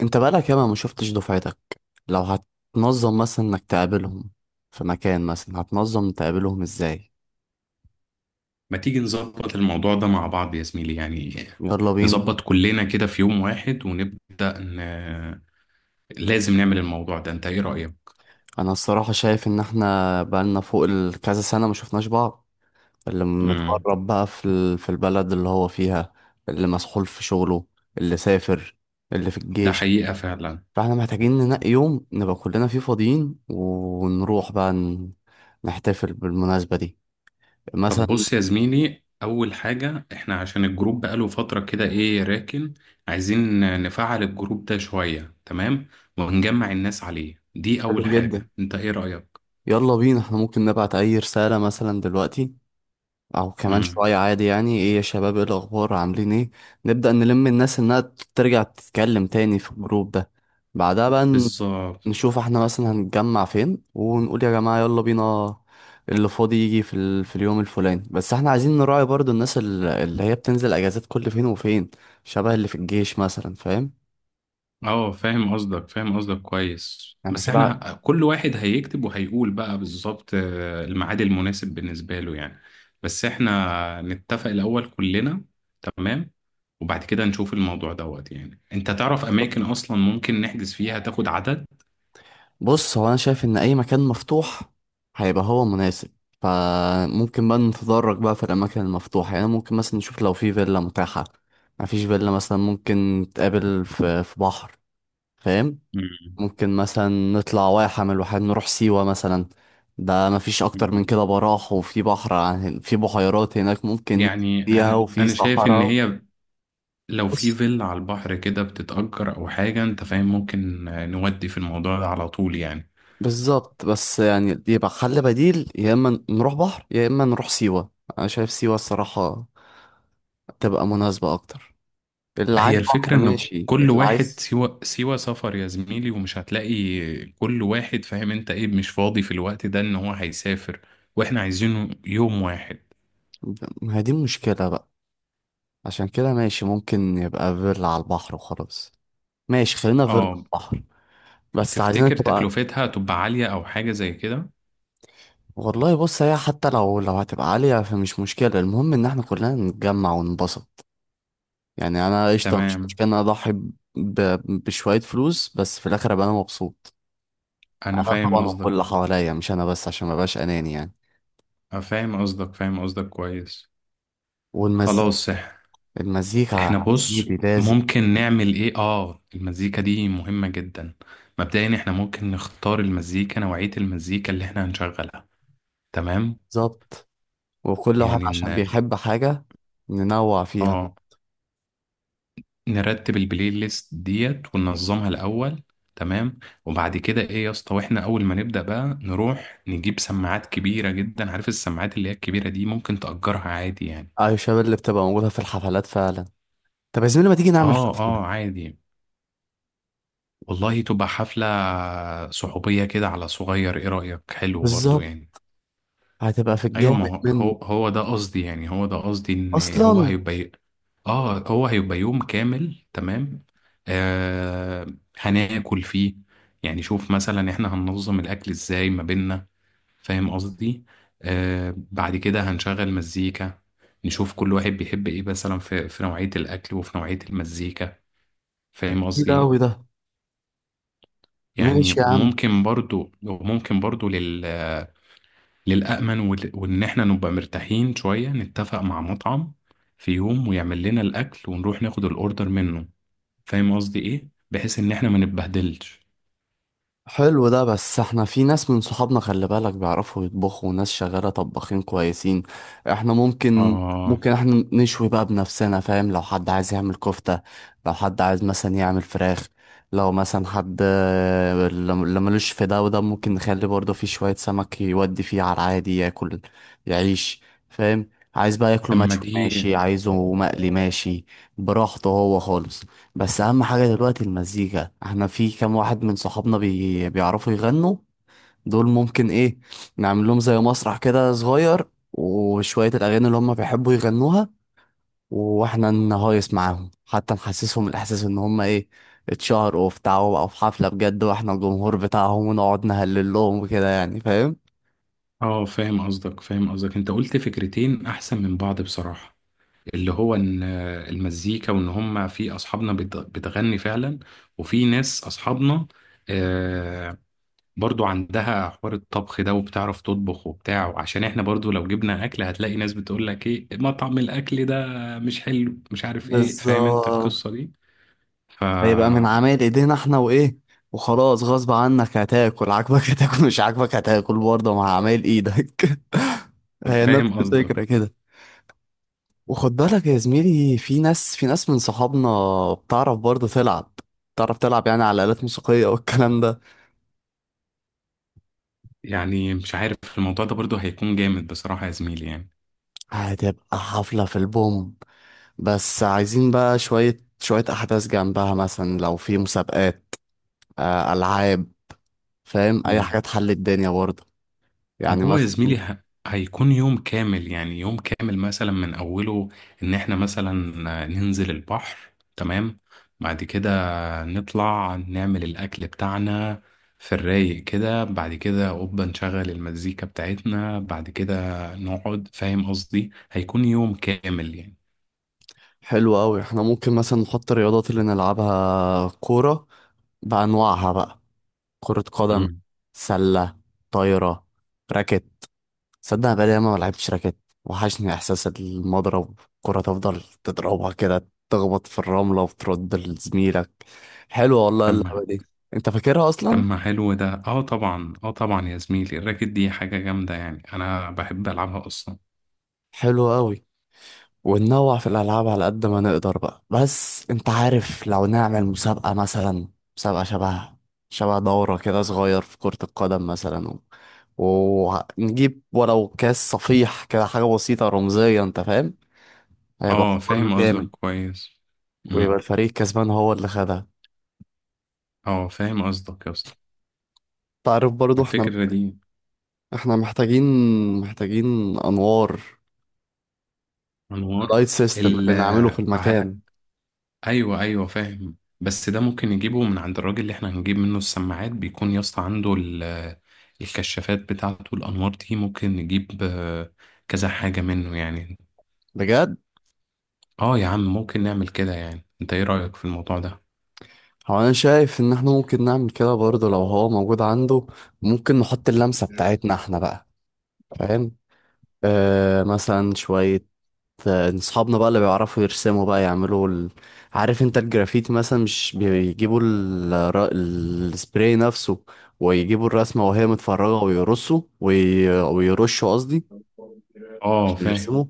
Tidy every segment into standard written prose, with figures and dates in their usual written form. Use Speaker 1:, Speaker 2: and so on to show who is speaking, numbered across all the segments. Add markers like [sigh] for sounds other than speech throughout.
Speaker 1: انت بقالك ياما ما شفتش دفعتك. لو هتنظم مثلا انك تقابلهم في مكان، مثلا هتنظم تقابلهم ازاي؟
Speaker 2: ما تيجي نظبط الموضوع ده مع بعض يا زميلي يعني،
Speaker 1: يلا بينا.
Speaker 2: نظبط كلنا كده في يوم واحد ونبدأ لازم نعمل الموضوع ده، انت ايه رأيك؟
Speaker 1: انا الصراحة شايف ان احنا بقالنا فوق كذا سنة ما شفناش بعض. اللي
Speaker 2: امم
Speaker 1: متغرب بقى في البلد اللي هو فيها، اللي مسحول في شغله، اللي سافر، اللي في
Speaker 2: ده
Speaker 1: الجيش.
Speaker 2: حقيقة فعلا.
Speaker 1: فاحنا محتاجين ننقي يوم نبقى كلنا فيه فاضيين ونروح بقى نحتفل بالمناسبة دي
Speaker 2: طب
Speaker 1: مثلا.
Speaker 2: بص يا زميلي، أول حاجة احنا عشان الجروب بقاله فترة كده ايه راكن، عايزين نفعل الجروب ده شوية. تمام. ونجمع الناس عليه، دي
Speaker 1: حلو
Speaker 2: أول
Speaker 1: جدا.
Speaker 2: حاجة، انت ايه رأيك؟
Speaker 1: يلا بينا، احنا ممكن نبعت اي رسالة مثلا دلوقتي او كمان
Speaker 2: امم
Speaker 1: شوية، عادي، يعني ايه يا شباب، ايه الاخبار، عاملين ايه. نبدأ نلم الناس انها ترجع تتكلم تاني في الجروب ده. بعدها بقى
Speaker 2: بالظبط.
Speaker 1: نشوف احنا مثلا هنتجمع فين، ونقول يا جماعة يلا بينا، اللي فاضي يجي في اليوم الفلاني. بس احنا عايزين نراعي برضو الناس اللي هي بتنزل اجازات كل فين وفين، شبه اللي في الجيش مثلا، فاهم.
Speaker 2: اه، فاهم قصدك فاهم قصدك كويس.
Speaker 1: انا
Speaker 2: بس احنا
Speaker 1: كده.
Speaker 2: كل واحد هيكتب وهيقول بقى بالظبط، الميعاد المناسب بالنسبة له يعني. بس احنا نتفق الأول كلنا. تمام. وبعد كده نشوف الموضوع دوت، يعني انت تعرف أماكن أصلا ممكن نحجز فيها، تاخد عدد.
Speaker 1: بص، هو انا شايف ان اي مكان مفتوح هيبقى هو مناسب، فممكن بقى نتدرج بقى في الاماكن المفتوحه، يعني ممكن مثلا نشوف لو في فيلا متاحه. مفيش فيلا مثلا، ممكن نتقابل في بحر، فاهم.
Speaker 2: مم.
Speaker 1: ممكن مثلا نطلع واحه من الواحات، نروح سيوه مثلا. ده مفيش اكتر من
Speaker 2: مم.
Speaker 1: كده براح، وفي بحر في بحيرات هناك ممكن ننزل
Speaker 2: يعني
Speaker 1: فيها،
Speaker 2: أنا
Speaker 1: وفي
Speaker 2: أنا شايف إن
Speaker 1: صحراء.
Speaker 2: هي لو في
Speaker 1: بص،
Speaker 2: فيلا على البحر كده بتتأجر أو حاجة، أنت فاهم، ممكن نودي في الموضوع ده على طول يعني.
Speaker 1: بالظبط، بس يعني يبقى حل بديل، يا اما نروح بحر يا اما نروح سيوه. انا شايف سيوه الصراحه تبقى مناسبة أكتر. اللي عايز
Speaker 2: هي الفكرة
Speaker 1: بحر
Speaker 2: ان
Speaker 1: ماشي،
Speaker 2: كل
Speaker 1: اللي
Speaker 2: واحد
Speaker 1: عايز.
Speaker 2: سوى سفر يا زميلي، ومش هتلاقي كل واحد فاهم انت ايه، مش فاضي في الوقت ده ان هو هيسافر، واحنا عايزينه يوم واحد.
Speaker 1: ما هي دي المشكلة بقى. عشان كده ماشي، ممكن يبقى فيلا على البحر وخلاص. ماشي، خلينا فيلا على
Speaker 2: اه.
Speaker 1: البحر، بس عايزينها
Speaker 2: تفتكر
Speaker 1: تبقى.
Speaker 2: تكلفتها تبقى عالية او حاجة زي كده؟
Speaker 1: والله بص، هي حتى لو هتبقى عالية فمش مشكلة، المهم إن احنا كلنا نتجمع وننبسط. يعني أنا قشطة، مش
Speaker 2: تمام،
Speaker 1: مشكلة إن أنا أضحي بشوية فلوس، بس في الآخر أبقى أنا مبسوط. أنا
Speaker 2: انا فاهم
Speaker 1: طبعا وكل
Speaker 2: قصدك.
Speaker 1: اللي حواليا مش أنا بس، عشان مبقاش أناني يعني.
Speaker 2: أنا فاهم قصدك فاهم قصدك كويس.
Speaker 1: والمزيكا
Speaker 2: خلاص
Speaker 1: المزيكا
Speaker 2: احنا
Speaker 1: يا
Speaker 2: بص،
Speaker 1: زميلي لازم.
Speaker 2: ممكن نعمل ايه؟ اه، المزيكا دي مهمة جدا. مبدئيا احنا ممكن نختار المزيكا، نوعية المزيكا اللي احنا هنشغلها. تمام.
Speaker 1: بالظبط، وكل واحد
Speaker 2: يعني
Speaker 1: عشان بيحب حاجة ننوع فيها.
Speaker 2: اه نرتب البلاي ليست ديت وننظمها الاول. تمام. وبعد كده ايه يا اسطى، واحنا اول ما نبدا بقى نروح نجيب سماعات كبيره جدا. عارف السماعات اللي هي الكبيره دي، ممكن تأجرها عادي يعني.
Speaker 1: أيوة، الشباب اللي بتبقى موجودة في الحفلات فعلا. طب يا زميلي، ما تيجي نعمل
Speaker 2: اه
Speaker 1: حفلة.
Speaker 2: اه عادي. والله تبقى حفله صحوبيه كده على صغير، ايه رأيك؟ حلو برضو
Speaker 1: بالظبط،
Speaker 2: يعني.
Speaker 1: هتبقى في
Speaker 2: ايوه، ما
Speaker 1: الجامد
Speaker 2: هو
Speaker 1: منه
Speaker 2: هو هو ده قصدي يعني، هو ده قصدي ان هو
Speaker 1: أصلا.
Speaker 2: هيبقى. اه، هو هيبقى يوم كامل. تمام. آه. هناكل فيه. يعني شوف مثلا احنا هننظم الاكل ازاي ما بيننا، فاهم قصدي؟ بعد كده هنشغل مزيكا، نشوف كل واحد بيحب ايه مثلا في نوعية الاكل وفي نوعية المزيكا، فاهم
Speaker 1: كتير
Speaker 2: قصدي؟
Speaker 1: أوي ده.
Speaker 2: يعني
Speaker 1: ماشي يا عم.
Speaker 2: وممكن برضو، وممكن برضو لل، للأمن، وإن إحنا نبقى مرتاحين شوية نتفق مع مطعم في يوم ويعمل لنا الأكل ونروح ناخد الأوردر منه، فاهم قصدي إيه؟ بحيث إن إحنا ما نتبهدلش.
Speaker 1: حلو ده، بس احنا في ناس من صحابنا خلي بالك بيعرفوا يطبخوا، وناس شغالة طباخين كويسين. احنا ممكن
Speaker 2: آه،
Speaker 1: ممكن احنا نشوي بقى بنفسنا، فاهم. لو حد عايز يعمل كفتة، لو حد عايز مثلا يعمل فراخ، لو مثلا حد اللي ملوش في ده وده، ممكن نخلي برضه في شوية سمك يودي فيه على العادي ياكل يعيش، فاهم. عايز بقى ياكله
Speaker 2: أما
Speaker 1: مشوي
Speaker 2: دي.
Speaker 1: ماشي، عايزه مقلي ماشي، براحته هو خالص. بس اهم حاجة دلوقتي المزيكا. احنا في كام واحد من صحابنا بيعرفوا يغنوا، دول ممكن ايه، نعمل لهم زي مسرح كده صغير، وشوية الاغاني اللي هم بيحبوا يغنوها، واحنا نهايس معاهم، حتى نحسسهم الاحساس ان هم ايه، اتشهروا وبتاع وبقوا في حفلة بجد، واحنا الجمهور بتاعهم ونقعد نهلل لهم وكده، يعني فاهم.
Speaker 2: آه، فاهم قصدك فاهم قصدك. أنت قلت فكرتين أحسن من بعض بصراحة، اللي هو إن المزيكا، وإن هما في أصحابنا بتغني فعلا، وفي ناس أصحابنا آه، برضو عندها حوار الطبخ ده وبتعرف تطبخ وبتاع، وعشان احنا برضو لو جبنا اكل هتلاقي ناس بتقول لك ايه، مطعم الاكل ده مش حلو، مش عارف ايه، فاهم انت
Speaker 1: بالظبط،
Speaker 2: القصة دي. ف
Speaker 1: هيبقى من عمايل ايدينا احنا وايه، وخلاص، غصب عنك هتاكل عاجبك [laughs] هتاكل مش عاجبك هتاكل برضه مع عمايل ايدك. [laughs] هي نفس
Speaker 2: فاهم
Speaker 1: الفكرة
Speaker 2: قصدك.
Speaker 1: كده. وخد بالك يا زميلي، في ناس، من صحابنا بتعرف برضه تلعب، بتعرف تلعب يعني على آلات موسيقية والكلام ده.
Speaker 2: يعني مش عارف الموضوع ده برضو هيكون جامد بصراحة يا زميلي يعني.
Speaker 1: هتبقى حفلة في البوم. بس عايزين بقى شوية شوية أحداث جنبها، مثلا لو في مسابقات، ألعاب، فاهم، أي
Speaker 2: مم.
Speaker 1: حاجة تحل الدنيا برضه، يعني
Speaker 2: هو يا زميلي
Speaker 1: مثلا.
Speaker 2: هيكون يوم كامل، يعني يوم كامل مثلا من أوله، إن إحنا مثلا ننزل البحر. تمام. بعد كده نطلع نعمل الأكل بتاعنا في الرايق كده. بعد كده أوبا نشغل المزيكا بتاعتنا. بعد كده نقعد. فاهم قصدي؟ هيكون يوم كامل يعني.
Speaker 1: حلو قوي، احنا ممكن مثلا نحط الرياضات اللي نلعبها، كورة بأنواعها بقى، كرة قدم،
Speaker 2: مم.
Speaker 1: سلة، طايرة، راكت. صدق أنا بقالي ياما ما لعبتش راكت، وحشني إحساس المضرب، الكرة تفضل تضربها كده، تخبط في الرملة وترد لزميلك، حلوة والله اللعبة
Speaker 2: تم.
Speaker 1: دي. أنت فاكرها أصلا؟
Speaker 2: تم، حلو ده. اه طبعا، اه طبعا يا زميلي، الراكت دي حاجة جامدة يعني، أنا بحب ألعبها أصلا.
Speaker 1: حلوة قوي. وننوع في الألعاب على قد ما نقدر بقى، بس أنت عارف لو نعمل مسابقة مثلا، مسابقة شبه دورة كده صغير في كرة القدم مثلا، و... ونجيب ولو كاس صفيح، كده حاجة بسيطة رمزية، أنت فاهم، هيبقى
Speaker 2: اه،
Speaker 1: حوار
Speaker 2: فاهم قصدك
Speaker 1: جامد،
Speaker 2: كويس.
Speaker 1: ويبقى
Speaker 2: مم.
Speaker 1: الفريق الكسبان هو اللي خدها.
Speaker 2: اه، فاهم قصدك يا اسطى،
Speaker 1: تعرف برضو احنا،
Speaker 2: الفكرة دي.
Speaker 1: احنا محتاجين أنوار،
Speaker 2: أنوار.
Speaker 1: لايت سيستم
Speaker 2: ال
Speaker 1: اللي نعمله في المكان،
Speaker 2: ايوه ايوه فاهم. بس ده ممكن نجيبه من عند الراجل اللي احنا هنجيب منه السماعات. بيكون يا اسطى عنده الكشافات بتاعته، الانوار دي ممكن نجيب كذا حاجة منه يعني.
Speaker 1: بجد.
Speaker 2: اه يا عم، ممكن نعمل كده يعني، انت ايه رأيك في الموضوع ده؟
Speaker 1: هو انا شايف ان احنا ممكن نعمل كده برضه لو هو موجود عنده، ممكن نحط اللمسة بتاعتنا احنا بقى، فاهم. آه، مثلا شوية اصحابنا بقى اللي بيعرفوا يرسموا بقى، يعملوا عارف انت الجرافيتي مثلا، مش بيجيبوا السبراي نفسه، ويجيبوا الرسمة وهي متفرجة ويرصوا ويرشوا قصدي،
Speaker 2: اه
Speaker 1: عشان
Speaker 2: فاهم.
Speaker 1: يرسموا،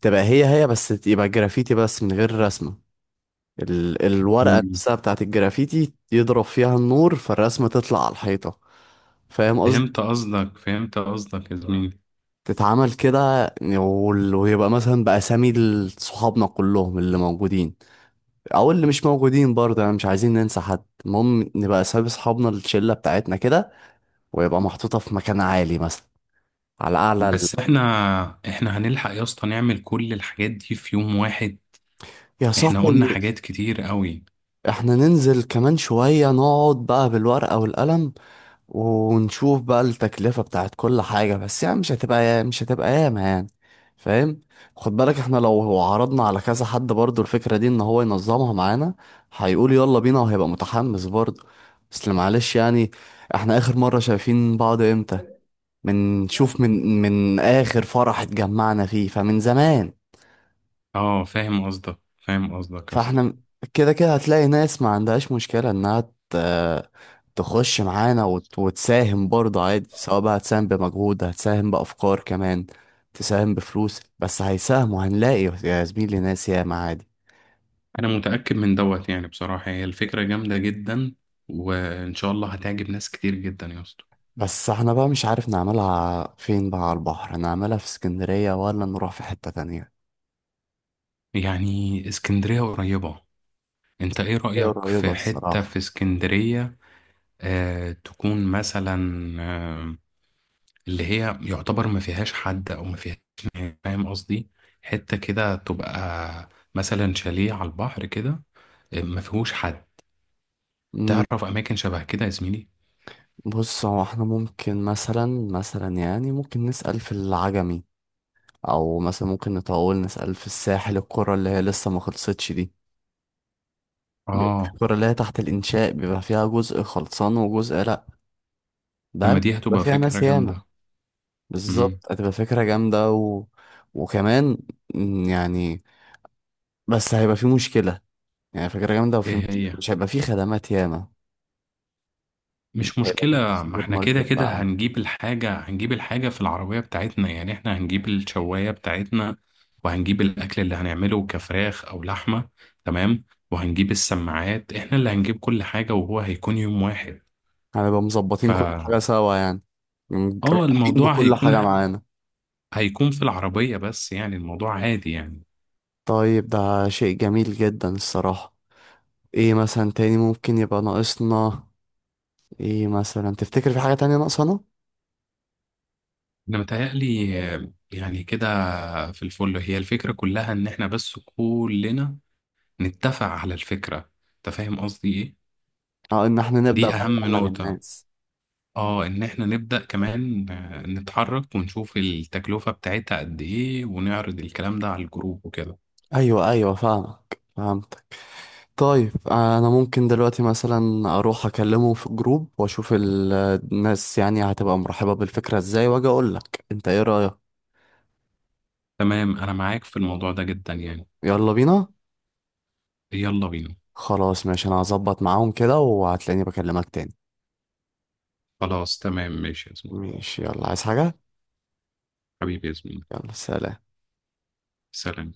Speaker 1: تبقى هي هي، بس يبقى جرافيتي بس من غير رسمة. الورقة
Speaker 2: مم.
Speaker 1: نفسها بتاعت الجرافيتي يضرب فيها النور فالرسمة تطلع على الحيطة، فاهم قصدي.
Speaker 2: فهمت قصدك فهمت قصدك يا زميلي.
Speaker 1: تتعمل كده، ويبقى مثلا بأسامي صحابنا كلهم اللي موجودين، أو اللي مش موجودين برضه، يعني مش عايزين ننسى حد، المهم نبقى أسامي صحابنا الشلة بتاعتنا كده، ويبقى محطوطة في مكان عالي مثلا، على أعلى.
Speaker 2: بس احنا هنلحق يا اسطى نعمل كل الحاجات دي في يوم واحد؟
Speaker 1: يا
Speaker 2: احنا قلنا
Speaker 1: صاحبي،
Speaker 2: حاجات كتير قوي.
Speaker 1: احنا ننزل كمان شوية، نقعد بقى بالورقة والقلم، ونشوف بقى التكلفة بتاعت كل حاجة، بس يعني مش هتبقى ياما، يعني فاهم. خد بالك احنا لو عرضنا على كذا حد برضو الفكرة دي ان هو ينظمها معانا، هيقول يلا بينا وهيبقى متحمس برضو. بس معلش يعني، احنا اخر مرة شايفين بعض امتى؟ من شوف من من اخر فرح اتجمعنا فيه، فمن زمان.
Speaker 2: اه، فاهم قصدك فاهم قصدك يا اسطى.
Speaker 1: فاحنا م- كده كده هتلاقي ناس ما عندهاش مشكلة انها ت- تخش معانا وتساهم برضه عادي، سواء بقى هتساهم بمجهود، هتساهم بأفكار، كمان تساهم بفلوس، بس هيساهموا، هنلاقي يا زميلي ناس ياما عادي.
Speaker 2: انا متأكد من دوت يعني بصراحة، هي الفكرة جامدة جدا، وان شاء الله هتعجب ناس كتير جدا يا اسطى.
Speaker 1: بس احنا بقى مش عارف نعملها فين بقى، على البحر نعملها في اسكندرية ولا نروح في حتة تانية.
Speaker 2: يعني اسكندرية قريبة، انت ايه
Speaker 1: هي
Speaker 2: رأيك
Speaker 1: قريبة
Speaker 2: في حتة
Speaker 1: الصراحة.
Speaker 2: في اسكندرية؟ آه، تكون مثلا آه اللي هي يعتبر ما فيهاش حد او ما فيهاش ناس، فاهم قصدي؟ حتة كده تبقى مثلا شاليه على البحر كده، ما فيهوش حد.
Speaker 1: مم.
Speaker 2: تعرف اماكن شبه كده يا زميلي؟
Speaker 1: بص، هو احنا ممكن مثلا، يعني ممكن نسأل في العجمي، او مثلا ممكن نطول نسأل في الساحل، القرى اللي هي لسه ما خلصتش دي، بيبقى في
Speaker 2: اه،
Speaker 1: القرى اللي هي تحت الانشاء بيبقى فيها جزء خلصان وجزء لا، ده
Speaker 2: لما دي
Speaker 1: بيبقى
Speaker 2: هتبقى
Speaker 1: فيها
Speaker 2: فكرة
Speaker 1: ناس ياما.
Speaker 2: جامدة. امم
Speaker 1: بالظبط، هتبقى فكرة جامدة. وكمان يعني، بس هيبقى في مشكلة، يعني فكرة جامدة وفي
Speaker 2: ايه
Speaker 1: مشكلة،
Speaker 2: هي؟
Speaker 1: مش هيبقى في خدمات ياما،
Speaker 2: مش
Speaker 1: هيبقى في
Speaker 2: مشكلة، ما
Speaker 1: سوبر
Speaker 2: احنا كده
Speaker 1: ماركت
Speaker 2: كده
Speaker 1: بقى.
Speaker 2: هنجيب الحاجة، هنجيب الحاجة في العربية بتاعتنا يعني. احنا هنجيب الشواية بتاعتنا وهنجيب الأكل اللي هنعمله كفراخ أو لحمة. تمام. وهنجيب السماعات، احنا اللي هنجيب كل حاجة، وهو هيكون يوم واحد.
Speaker 1: هنبقى مظبطين كل
Speaker 2: فا
Speaker 1: حاجة سوا يعني.
Speaker 2: اه،
Speaker 1: رايحين
Speaker 2: الموضوع
Speaker 1: بكل
Speaker 2: هيكون
Speaker 1: حاجة معانا.
Speaker 2: هيكون في العربية بس يعني. الموضوع عادي يعني.
Speaker 1: طيب ده شيء جميل جدا الصراحة. ايه مثلا تاني ممكن يبقى ناقصنا؟ ايه مثلا تفتكر في حاجة تانية ناقصانا؟
Speaker 2: انا متهيألي يعني كده في الفل. هي الفكرة كلها ان احنا بس كلنا نتفق على الفكرة، انت فاهم قصدي ايه؟
Speaker 1: اه، ان احنا نبدأ
Speaker 2: دي
Speaker 1: بقى
Speaker 2: أهم
Speaker 1: نبلغ
Speaker 2: نقطة.
Speaker 1: الناس.
Speaker 2: اه ان احنا نبدأ كمان نتحرك ونشوف التكلفة بتاعتها قد ايه ونعرض الكلام ده على الجروب وكده.
Speaker 1: ايوه، ايوه، فاهمك، فهمتك. طيب انا ممكن دلوقتي مثلا اروح اكلمه في جروب واشوف الناس يعني هتبقى مرحبة بالفكرة ازاي، واجي اقول لك انت ايه رأيك.
Speaker 2: تمام، انا معاك في الموضوع ده جدا يعني.
Speaker 1: يلا بينا.
Speaker 2: يلا بينا.
Speaker 1: خلاص ماشي، انا هظبط معاهم كده وهتلاقيني بكلمك تاني.
Speaker 2: خلاص تمام ماشي يا زميلي.
Speaker 1: ماشي، يلا، عايز حاجة.
Speaker 2: حبيبي يا زميلي.
Speaker 1: يلا سلام.
Speaker 2: سلام.